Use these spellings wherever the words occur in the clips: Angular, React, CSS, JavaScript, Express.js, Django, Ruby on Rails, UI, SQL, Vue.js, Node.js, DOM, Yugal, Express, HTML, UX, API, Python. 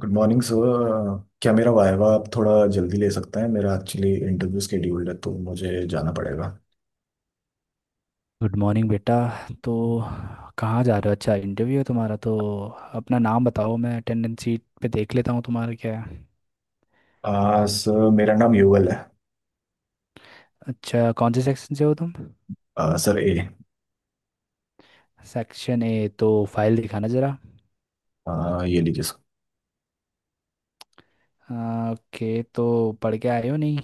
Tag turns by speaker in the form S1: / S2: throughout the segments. S1: Good morning sir. क्या मेरा viva आप थोड़ा जल्दी ले सकते हैं? मेरा एक्चुअली इंटरव्यू स्केड्यूल्ड है तो मुझे जाना पड़ेगा।
S2: गुड मॉर्निंग बेटा। तो कहाँ जा रहे हो? अच्छा, इंटरव्यू है तुम्हारा। तो अपना नाम बताओ, मैं अटेंडेंस शीट पे देख लेता हूँ, तुम्हारा क्या है?
S1: सर मेरा नाम युगल है।
S2: अच्छा, कौन से सेक्शन से हो तुम?
S1: Sir, A.
S2: सेक्शन ए। तो फाइल दिखाना ज़रा।
S1: ये लीजिए सर।
S2: ओके। तो पढ़ के आए हो नहीं?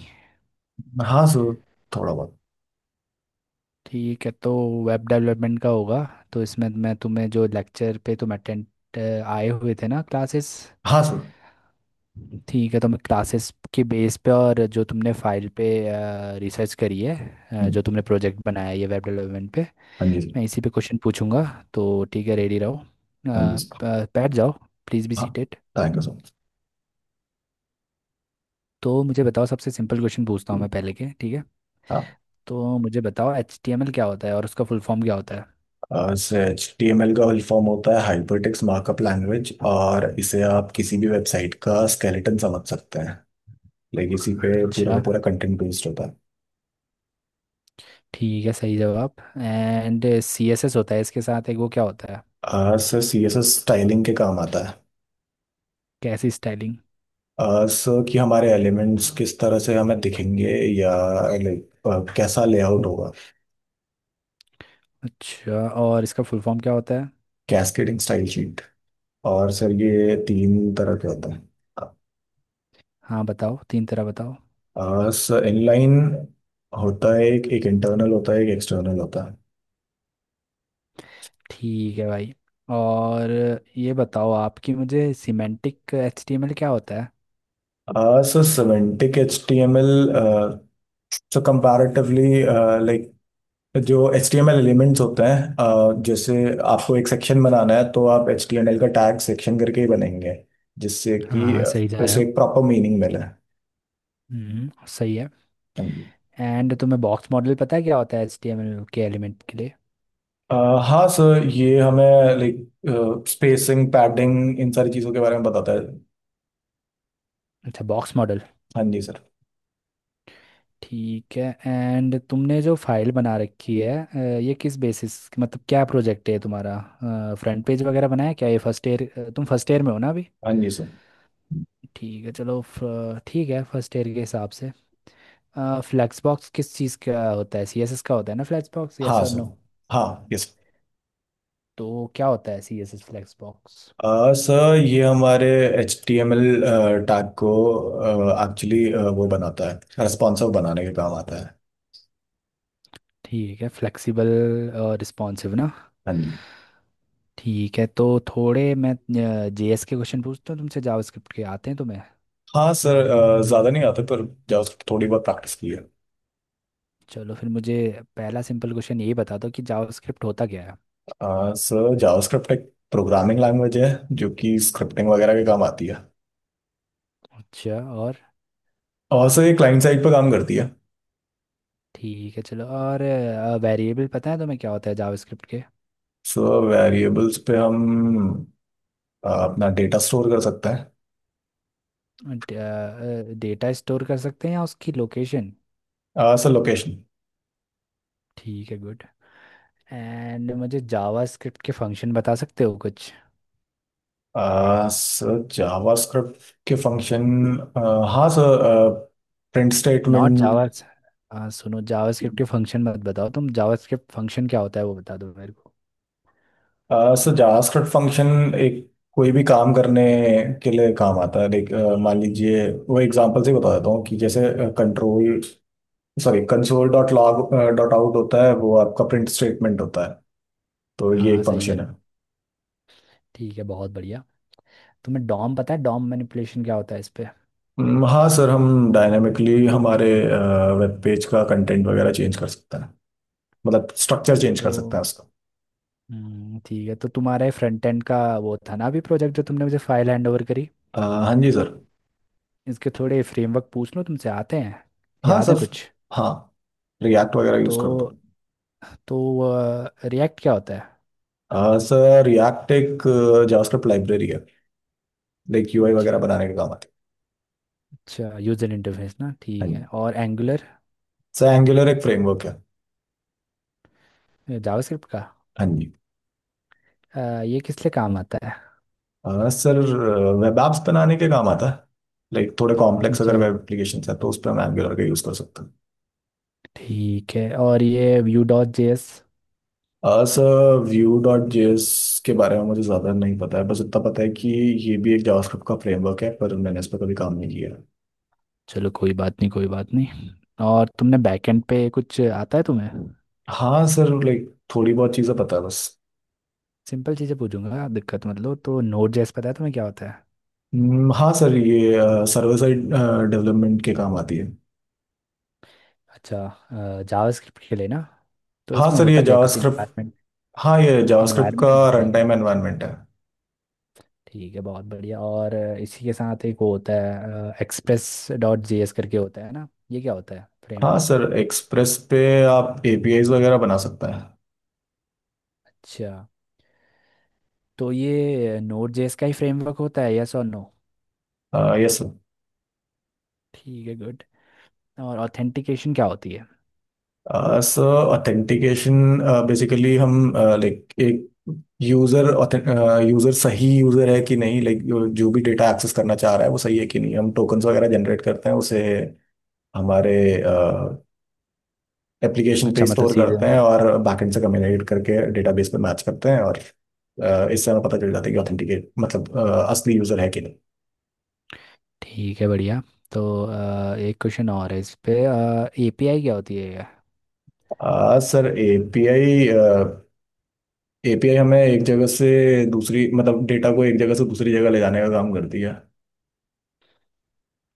S1: हाँ सर, थोड़ा बहुत।
S2: ठीक है, तो वेब डेवलपमेंट का होगा। तो इसमें मैं तुम्हें जो लेक्चर पे तुम अटेंड आए हुए थे ना क्लासेस।
S1: हाँ सर।
S2: ठीक है, तो मैं क्लासेस के बेस पे और जो तुमने फाइल पे रिसर्च करी है,
S1: हम्म,
S2: जो तुमने प्रोजेक्ट बनाया है ये वेब डेवलपमेंट पे,
S1: हाँ जी सर।
S2: मैं इसी पे क्वेश्चन पूछूंगा। तो ठीक है, रेडी रहो।
S1: हाँ जी सर।
S2: बैठ जाओ। प्लीज़ बी
S1: हाँ।
S2: Seated.
S1: Thank you so much.
S2: तो मुझे बताओ, सबसे सिंपल क्वेश्चन पूछता हूँ मैं पहले के, ठीक है?
S1: हाँ।
S2: तो मुझे बताओ, एच टी एम एल क्या होता है और उसका फुल फॉर्म क्या होता है?
S1: Sir, H T M L का फुल फॉर्म होता है हाइपरटेक्स्ट मार्कअप लैंग्वेज, और इसे आप किसी भी वेबसाइट का स्केलेटन समझ सकते हैं। लाइक इसी पे पूरा का
S2: अच्छा।
S1: पूरा कंटेंट बेस्ड होता है।
S2: ठीक है, सही जवाब। एंड सी एस एस होता है इसके साथ एक, वो क्या होता है?
S1: Sir, C S S styling के काम आता है।
S2: कैसी स्टाइलिंग?
S1: सर, कि हमारे एलिमेंट्स किस तरह से हमें दिखेंगे। या लाइक कैसा लेआउट होगा।
S2: अच्छा, और इसका फुल फॉर्म क्या होता है?
S1: Cascading style sheet. और सर, ये तीन तरह के होते हैं।
S2: हाँ बताओ, तीन तरह बताओ।
S1: सर, इनलाइन होता है, एक एक इंटरनल होता है, एक एक्सटर्नल होता है।
S2: ठीक है भाई। और ये बताओ आपकी, मुझे semantic H T M L क्या होता है?
S1: Sir, semantic H T M L. So comparatively, like जो H T M L elements होते हैं, जैसे आपको एक सेक्शन बनाना है तो आप एच टी एम एल का टैग सेक्शन करके ही बनाएंगे, जिससे
S2: हाँ
S1: कि
S2: हाँ, सही जा रहे
S1: उसे
S2: हो।
S1: एक प्रॉपर मीनिंग मिले। हाँ
S2: सही है।
S1: जी।
S2: एंड तुम्हें बॉक्स मॉडल पता है क्या होता है एचटीएमएल के एलिमेंट के लिए?
S1: अ, हाँ सर, ये हमें लाइक स्पेसिंग, पैडिंग, इन सारी चीज़ों के बारे में बताता है।
S2: अच्छा, बॉक्स मॉडल।
S1: हाँ जी सर।
S2: ठीक है। एंड तुमने जो फाइल बना रखी है ये किस बेसिस, मतलब क्या प्रोजेक्ट है तुम्हारा? फ्रंट पेज वगैरह बनाया क्या? ये फर्स्ट ईयर, तुम फर्स्ट ईयर में हो ना अभी?
S1: हाँ जी सर।
S2: ठीक है, चलो ठीक है, फर्स्ट ईयर के हिसाब से। फ्लैक्स बॉक्स किस चीज़ का होता है? सीएसएस का होता है ना फ्लैक्स बॉक्स, यस
S1: हाँ
S2: और
S1: सर।
S2: नो?
S1: हाँ, यस।
S2: तो क्या होता है CSS flex box?
S1: Sir sir, ये हमारे H T M L tag को एक्चुअली, वो बनाता है, रेस्पॉन्सिव बनाने के काम आता है।
S2: ठीक है, फ्लेक्सिबल और रिस्पॉन्सिव ना।
S1: हाँ जी।
S2: ठीक है, तो थोड़े मैं जेएस के क्वेश्चन पूछता हूँ तुमसे, जावास्क्रिप्ट के आते हैं तुम्हें?
S1: हाँ सर, ज़्यादा नहीं आता, पर जावास्क्रिप्ट थोड़ी बहुत प्रैक्टिस की है।
S2: चलो फिर मुझे पहला सिंपल क्वेश्चन ये बता दो कि जावास्क्रिप्ट होता क्या है?
S1: सर, जावास्क्रिप्ट एक प्रोग्रामिंग लैंग्वेज है, जो कि स्क्रिप्टिंग वगैरह के काम आती है।
S2: अच्छा, और?
S1: और सर, ये क्लाइंट साइड पर काम करती है।
S2: ठीक है, चलो, और वेरिएबल पता है तुम्हें क्या होता है जावास्क्रिप्ट के?
S1: सो, वेरिएबल्स पे हम अपना डेटा स्टोर कर सकते हैं।
S2: डेटा स्टोर कर सकते हैं या उसकी लोकेशन?
S1: Sir, location.
S2: ठीक है, गुड। एंड मुझे जावास्क्रिप्ट के फंक्शन बता सकते हो कुछ?
S1: सर, जावास्क्रिप्ट के फंक्शन। हाँ sir. Print
S2: not Java.
S1: Statement.
S2: हाँ सुनो, जावास्क्रिप्ट के फंक्शन मत बताओ तुम, जावास्क्रिप्ट फंक्शन क्या होता है वो बता दो मेरे को।
S1: सो जावास्क्रिप्ट फंक्शन एक कोई भी काम करने के लिए काम आता है, लाइक मान लीजिए वो एग्जांपल से ही बता देता हूँ कि जैसे control sorry console dot log dot out होता है, वो आपका प्रिंट स्टेटमेंट होता है। तो ये
S2: हाँ,
S1: एक
S2: सही है।
S1: फंक्शन है।
S2: ठीक है, बहुत बढ़िया। तुम्हें डॉम पता है, डॉम मैनिपुलेशन क्या होता है इस पे?
S1: हाँ सर, हम डायनामिकली हमारे वेब पेज का कंटेंट वगैरह चेंज कर सकते हैं। मतलब स्ट्रक्चर चेंज कर
S2: तो
S1: सकते हैं उसका।
S2: ठीक है, तो तुम्हारे फ्रंट एंड का वो था ना अभी प्रोजेक्ट, जो तुमने मुझे फाइल हैंड ओवर करी।
S1: अ, हाँ जी सर।
S2: इसके थोड़े फ्रेमवर्क पूछ लो तुमसे, आते हैं?
S1: हाँ
S2: याद
S1: सर।
S2: है कुछ?
S1: हाँ, रिएक्ट वगैरह यूज़
S2: तो
S1: करता हूँ।
S2: तो रिएक्ट क्या होता है?
S1: सर, रिएक्ट एक जावास्क्रिप्ट लाइब्रेरी है, लाइक यूआई वगैरह
S2: अच्छा।
S1: बनाने के काम आते
S2: अच्छा, यूजर इंटरफेस ना,
S1: हैं।
S2: ठीक
S1: हाँ
S2: है।
S1: जी
S2: और एंगुलर?
S1: सर, एंगुलर एक फ्रेमवर्क है।
S2: जावास्क्रिप्ट का।
S1: हाँ जी।
S2: ये किस लिए काम आता है?
S1: सर, वेब एप्स बनाने के काम आता है। लाइक थोड़े कॉम्प्लेक्स अगर
S2: अच्छा,
S1: वेब एप्लीकेशन है तो उस पर हम एंगुलर का यूज़ कर सकते हैं।
S2: ठीक है। और ये Vue dot J S?
S1: Sir, Vue dot JS के बारे में मुझे ज़्यादा नहीं पता है, बस इतना पता है कि ये भी एक जावास्क्रिप्ट का फ्रेमवर्क है, पर मैंने इस पर कभी काम नहीं किया है।
S2: चलो, कोई बात नहीं, कोई बात नहीं। और तुमने बैकएंड पे कुछ आता है तुम्हें?
S1: हाँ सर, लाइक थोड़ी बहुत चीज़ें पता है बस।
S2: सिंपल चीज़ें पूछूंगा, दिक्कत मत लो। तो नोड जेएस पता है तुम्हें क्या होता है?
S1: हाँ सर, ये सर्वर साइड डेवलपमेंट के काम आती है।
S2: अच्छा, जावास्क्रिप्ट के लिए ना। तो
S1: हाँ
S2: इसमें
S1: सर, ये
S2: होता क्या है, कुछ
S1: जावास्क्रिप्ट,
S2: इन्वायरमेंट,
S1: हाँ, ये जावास्क्रिप्ट
S2: इन्वायरमेंट
S1: का
S2: बनता है
S1: रन
S2: क्या?
S1: टाइम एनवायरनमेंट है।
S2: ठीक है, बहुत बढ़िया। और इसी के साथ एक वो होता है एक्सप्रेस डॉट जे एस करके, होता है ना? ये क्या होता है,
S1: हाँ
S2: फ्रेमवर्क?
S1: सर, एक्सप्रेस पे आप एपीआईज वगैरह बना सकते हैं।
S2: अच्छा, तो ये नोड जेएस का ही फ्रेमवर्क होता है, यस और नो?
S1: यस।
S2: ठीक है, गुड। और ऑथेंटिकेशन क्या होती है?
S1: सर सर, ऑथेंटिकेशन बेसिकली हम लाइक एक यूजर, यूजर सही यूजर है कि नहीं, लाइक जो भी डेटा एक्सेस करना चाह रहा है वो सही है कि नहीं, हम टोकन्स वगैरह जनरेट करते हैं, उसे हमारे एप्लीकेशन पे
S2: अच्छा, मतलब
S1: स्टोर
S2: सीधे।
S1: करते हैं, और बैकएंड से कम्युनिकेट करके डेटाबेस पे मैच करते हैं, और इससे हमें पता चल जाता है कि ऑथेंटिकेट, मतलब असली यूजर है कि नहीं।
S2: ठीक है, बढ़िया। तो एक क्वेश्चन और है इस पे, एपीआई क्या होती है?
S1: सर, एपीआई एपीआई हमें एक जगह से दूसरी, मतलब डेटा को एक जगह से दूसरी जगह ले जाने का काम करती है।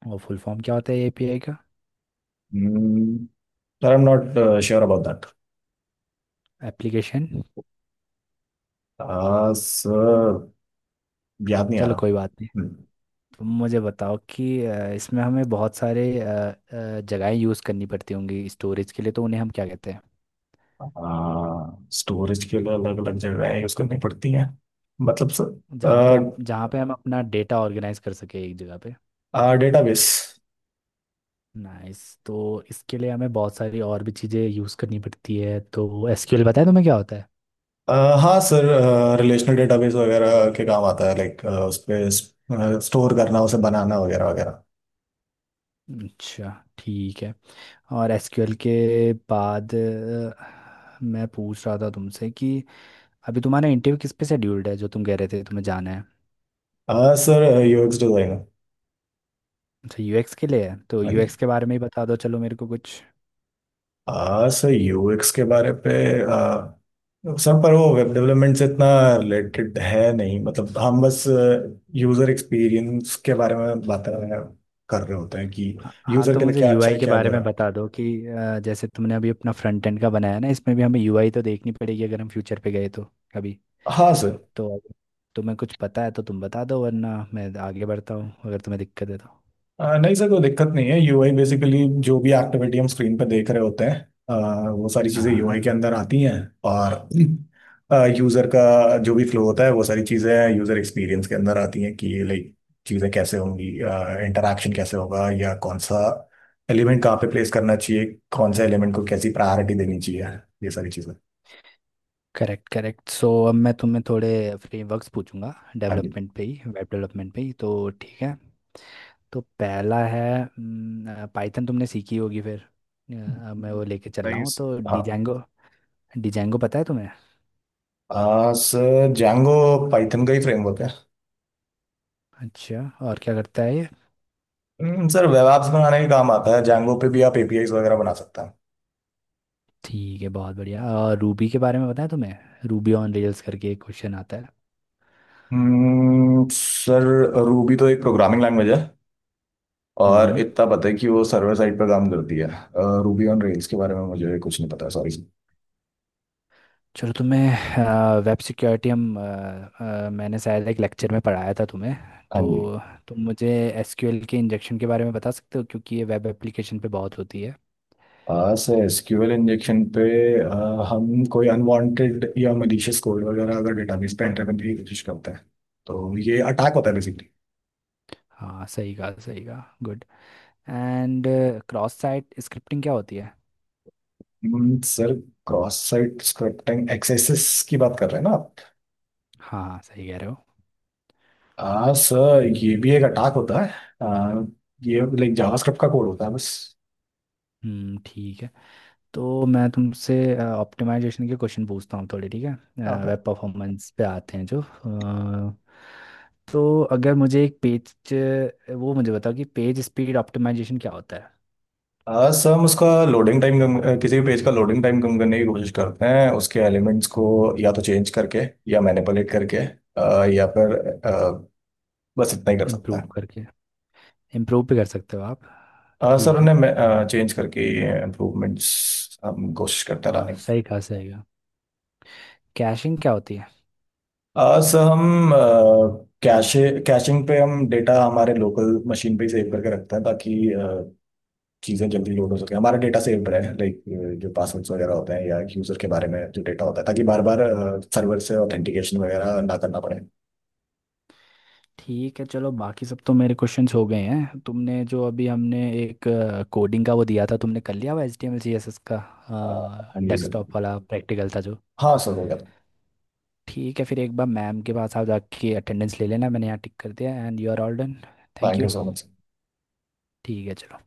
S2: और फुल फॉर्म क्या होता है एपीआई का?
S1: हम्म, sir, I am not sure about that.
S2: Application.
S1: Sir, याद नहीं आ
S2: चलो
S1: रहा।
S2: कोई बात नहीं।
S1: हम्म।
S2: तुम मुझे बताओ कि इसमें हमें बहुत सारे जगहें यूज़ करनी पड़ती होंगी स्टोरेज के लिए, तो उन्हें हम क्या कहते हैं?
S1: स्टोरेज के लिए अलग अलग जगह यूज करनी पड़ती हैं। मतलब सर,
S2: जहाँ पे हम अपना डेटा ऑर्गेनाइज कर सके एक जगह पे।
S1: डेटाबेस।
S2: नाइस। तो इसके लिए हमें बहुत सारी और भी चीज़ें यूज़ करनी पड़ती है, तो एसक्यूएल बताया, तुम्हें क्या होता है?
S1: अ, हाँ सर, रिलेशनल डेटाबेस वगैरह के काम आता है, लाइक उस पे स्टोर करना, उसे बनाना वगैरह वगैरह।
S2: अच्छा, ठीक है। और एसक्यूएल के बाद मैं पूछ रहा था तुमसे कि अभी तुम्हारा इंटरव्यू किस पे शेड्यूल्ड है जो तुम कह रहे थे तुम्हें जाना है?
S1: Sir, UX designer.
S2: अच्छा, यूएक्स के लिए है, तो
S1: हाँ।
S2: यूएक्स के बारे में ही बता दो चलो मेरे को कुछ।
S1: हाँ सर, यूएक्स के बारे पे, अ, सर, पर वो वेब डेवलपमेंट से इतना रिलेटेड है नहीं, मतलब हम बस यूजर एक्सपीरियंस के बारे में बातें कर रहे होते हैं, कि
S2: हाँ हाँ,
S1: यूजर
S2: तो
S1: के लिए
S2: मुझे
S1: क्या अच्छा
S2: यूआई
S1: है,
S2: के
S1: क्या
S2: बारे
S1: बुरा।
S2: में बता दो कि जैसे तुमने अभी अपना फ्रंट एंड का बनाया ना, इसमें भी हमें यूआई तो देखनी पड़ेगी अगर हम फ्यूचर पे गए तो कभी।
S1: हाँ सर।
S2: तो अगर तुम्हें कुछ पता है तो तुम बता दो, वरना मैं आगे बढ़ता हूँ अगर तुम्हें दिक्कत है तो।
S1: नहीं सर, कोई दिक्कत नहीं है। यूआई बेसिकली जो भी एक्टिविटी हम स्क्रीन पे देख रहे होते हैं, वो सारी चीज़ें यूआई के
S2: हाँ,
S1: अंदर आती हैं। और यूज़र का जो भी फ्लो होता है, वो सारी चीज़ें यूज़र एक्सपीरियंस के अंदर आती हैं, कि लाइक चीज़ें कैसे होंगी, इंटरेक्शन कैसे होगा, या कौन सा एलिमेंट कहाँ पे प्लेस करना चाहिए, कौन सा एलिमेंट को कैसी प्रायोरिटी देनी चाहिए, ये सारी चीज़ें।
S2: Correct correct. सो अब मैं तुम्हें थोड़े फ्रेमवर्क्स पूछूंगा,
S1: हाँ जी।
S2: डेवलपमेंट पे ही, वेब डेवलपमेंट पे ही तो। ठीक है। तो पहला है पाइथन, तुमने सीखी होगी फिर। अब मैं वो लेके चल रहा हूँ,
S1: नाइस।
S2: तो
S1: हाँ।
S2: डिजेंगो, डिजेंगो पता है तुम्हें?
S1: सर, जैंगो पाइथन का ही फ्रेमवर्क है।
S2: अच्छा, और क्या करता है ये?
S1: सर, वेब एप्स बनाने के काम आता है, जैंगो पे भी आप एपीआईज वगैरह बना सकते हैं।
S2: ठीक है, बहुत बढ़िया। और रूबी के बारे में पता है तुम्हें? रूबी ऑन रेल्स करके एक क्वेश्चन आता है।
S1: सर, रूबी तो एक प्रोग्रामिंग लैंग्वेज है, और
S2: हम्म।
S1: इतना पता है कि वो सर्वर साइड पर काम करती है। रूबी ऑन रेल्स के बारे में मुझे कुछ नहीं पता, सॉरी।
S2: चलो, तुम्हें वेब सिक्योरिटी हम, मैंने शायद एक लेक्चर में पढ़ाया था तुम्हें।
S1: हाँ
S2: तो
S1: जी।
S2: तुम मुझे एसक्यूएल के इंजेक्शन के बारे में बता सकते हो क्योंकि ये वेब एप्लीकेशन पे बहुत होती है।
S1: सर, एसक्यूएल इंजेक्शन पे हम कोई अनवांटेड या मलिशियस कोड वगैरह अगर डेटाबेस पे एंटर करने की कोशिश करते हैं, तो ये अटैक होता है बेसिकली।
S2: हाँ, सही कहा, सही कहा, good. And cross site scripting क्या होती है?
S1: Sir, cross site scripting access की बात कर रहे हैं ना आप?
S2: हाँ हाँ, सही कह रहे हो।
S1: हाँ सर, ये भी एक अटैक होता है। आ, ये लाइक जावास्क्रिप्ट का कोड होता है बस।
S2: ठीक है, तो मैं तुमसे ऑप्टिमाइजेशन के क्वेश्चन पूछता हूँ थोड़े, ठीक है?
S1: ओके।
S2: वेब परफॉर्मेंस पे आते हैं जो तो अगर मुझे एक पेज, वो मुझे बताओ कि पेज स्पीड ऑप्टिमाइजेशन क्या होता है?
S1: सर, हम उसका लोडिंग टाइम कम, किसी भी पेज का लोडिंग टाइम कम करने की कोशिश करते हैं, उसके एलिमेंट्स को या तो चेंज करके, या मैनिपुलेट करके, या फिर आ, बस इतना ही कर सकता
S2: इम्प्रूव
S1: है।
S2: करके, इम्प्रूव भी कर सकते हो आप।
S1: सर,
S2: ठीक है।
S1: उन्हें चेंज करके, इम्प्रूवमेंट्स हम कोशिश करते
S2: हाँ,
S1: रहने की।
S2: सही कहा सही कहा। कैशिंग क्या होती है?
S1: सर, हम कैशे, कैशिंग पे हम डेटा हमारे लोकल मशीन पे सेव करके रखते हैं, ताकि चीज़ें जल्दी लोड हो सके, हमारा डेटा सेव्ड रहे, लाइक जो पासवर्ड्स वगैरह होते हैं या यूज़र के बारे में जो डेटा होता है, ताकि बार बार सर्वर से ऑथेंटिकेशन वगैरह ना करना पड़े।
S2: ठीक है, चलो, बाकी सब तो मेरे क्वेश्चंस हो गए हैं। तुमने जो अभी हमने एक कोडिंग का वो दिया था, तुमने कर लिया हुआ? H T M L C S S का
S1: अन यूज़र।
S2: डेस्कटॉप वाला प्रैक्टिकल था जो।
S1: हाँ सर, हो गया था।
S2: ठीक है, फिर एक बार मैम के पास आप जाके अटेंडेंस ले लेना, मैंने यहाँ टिक कर दिया, and you are all done. Thank
S1: thank
S2: you.
S1: You so much.
S2: ठीक है, चलो।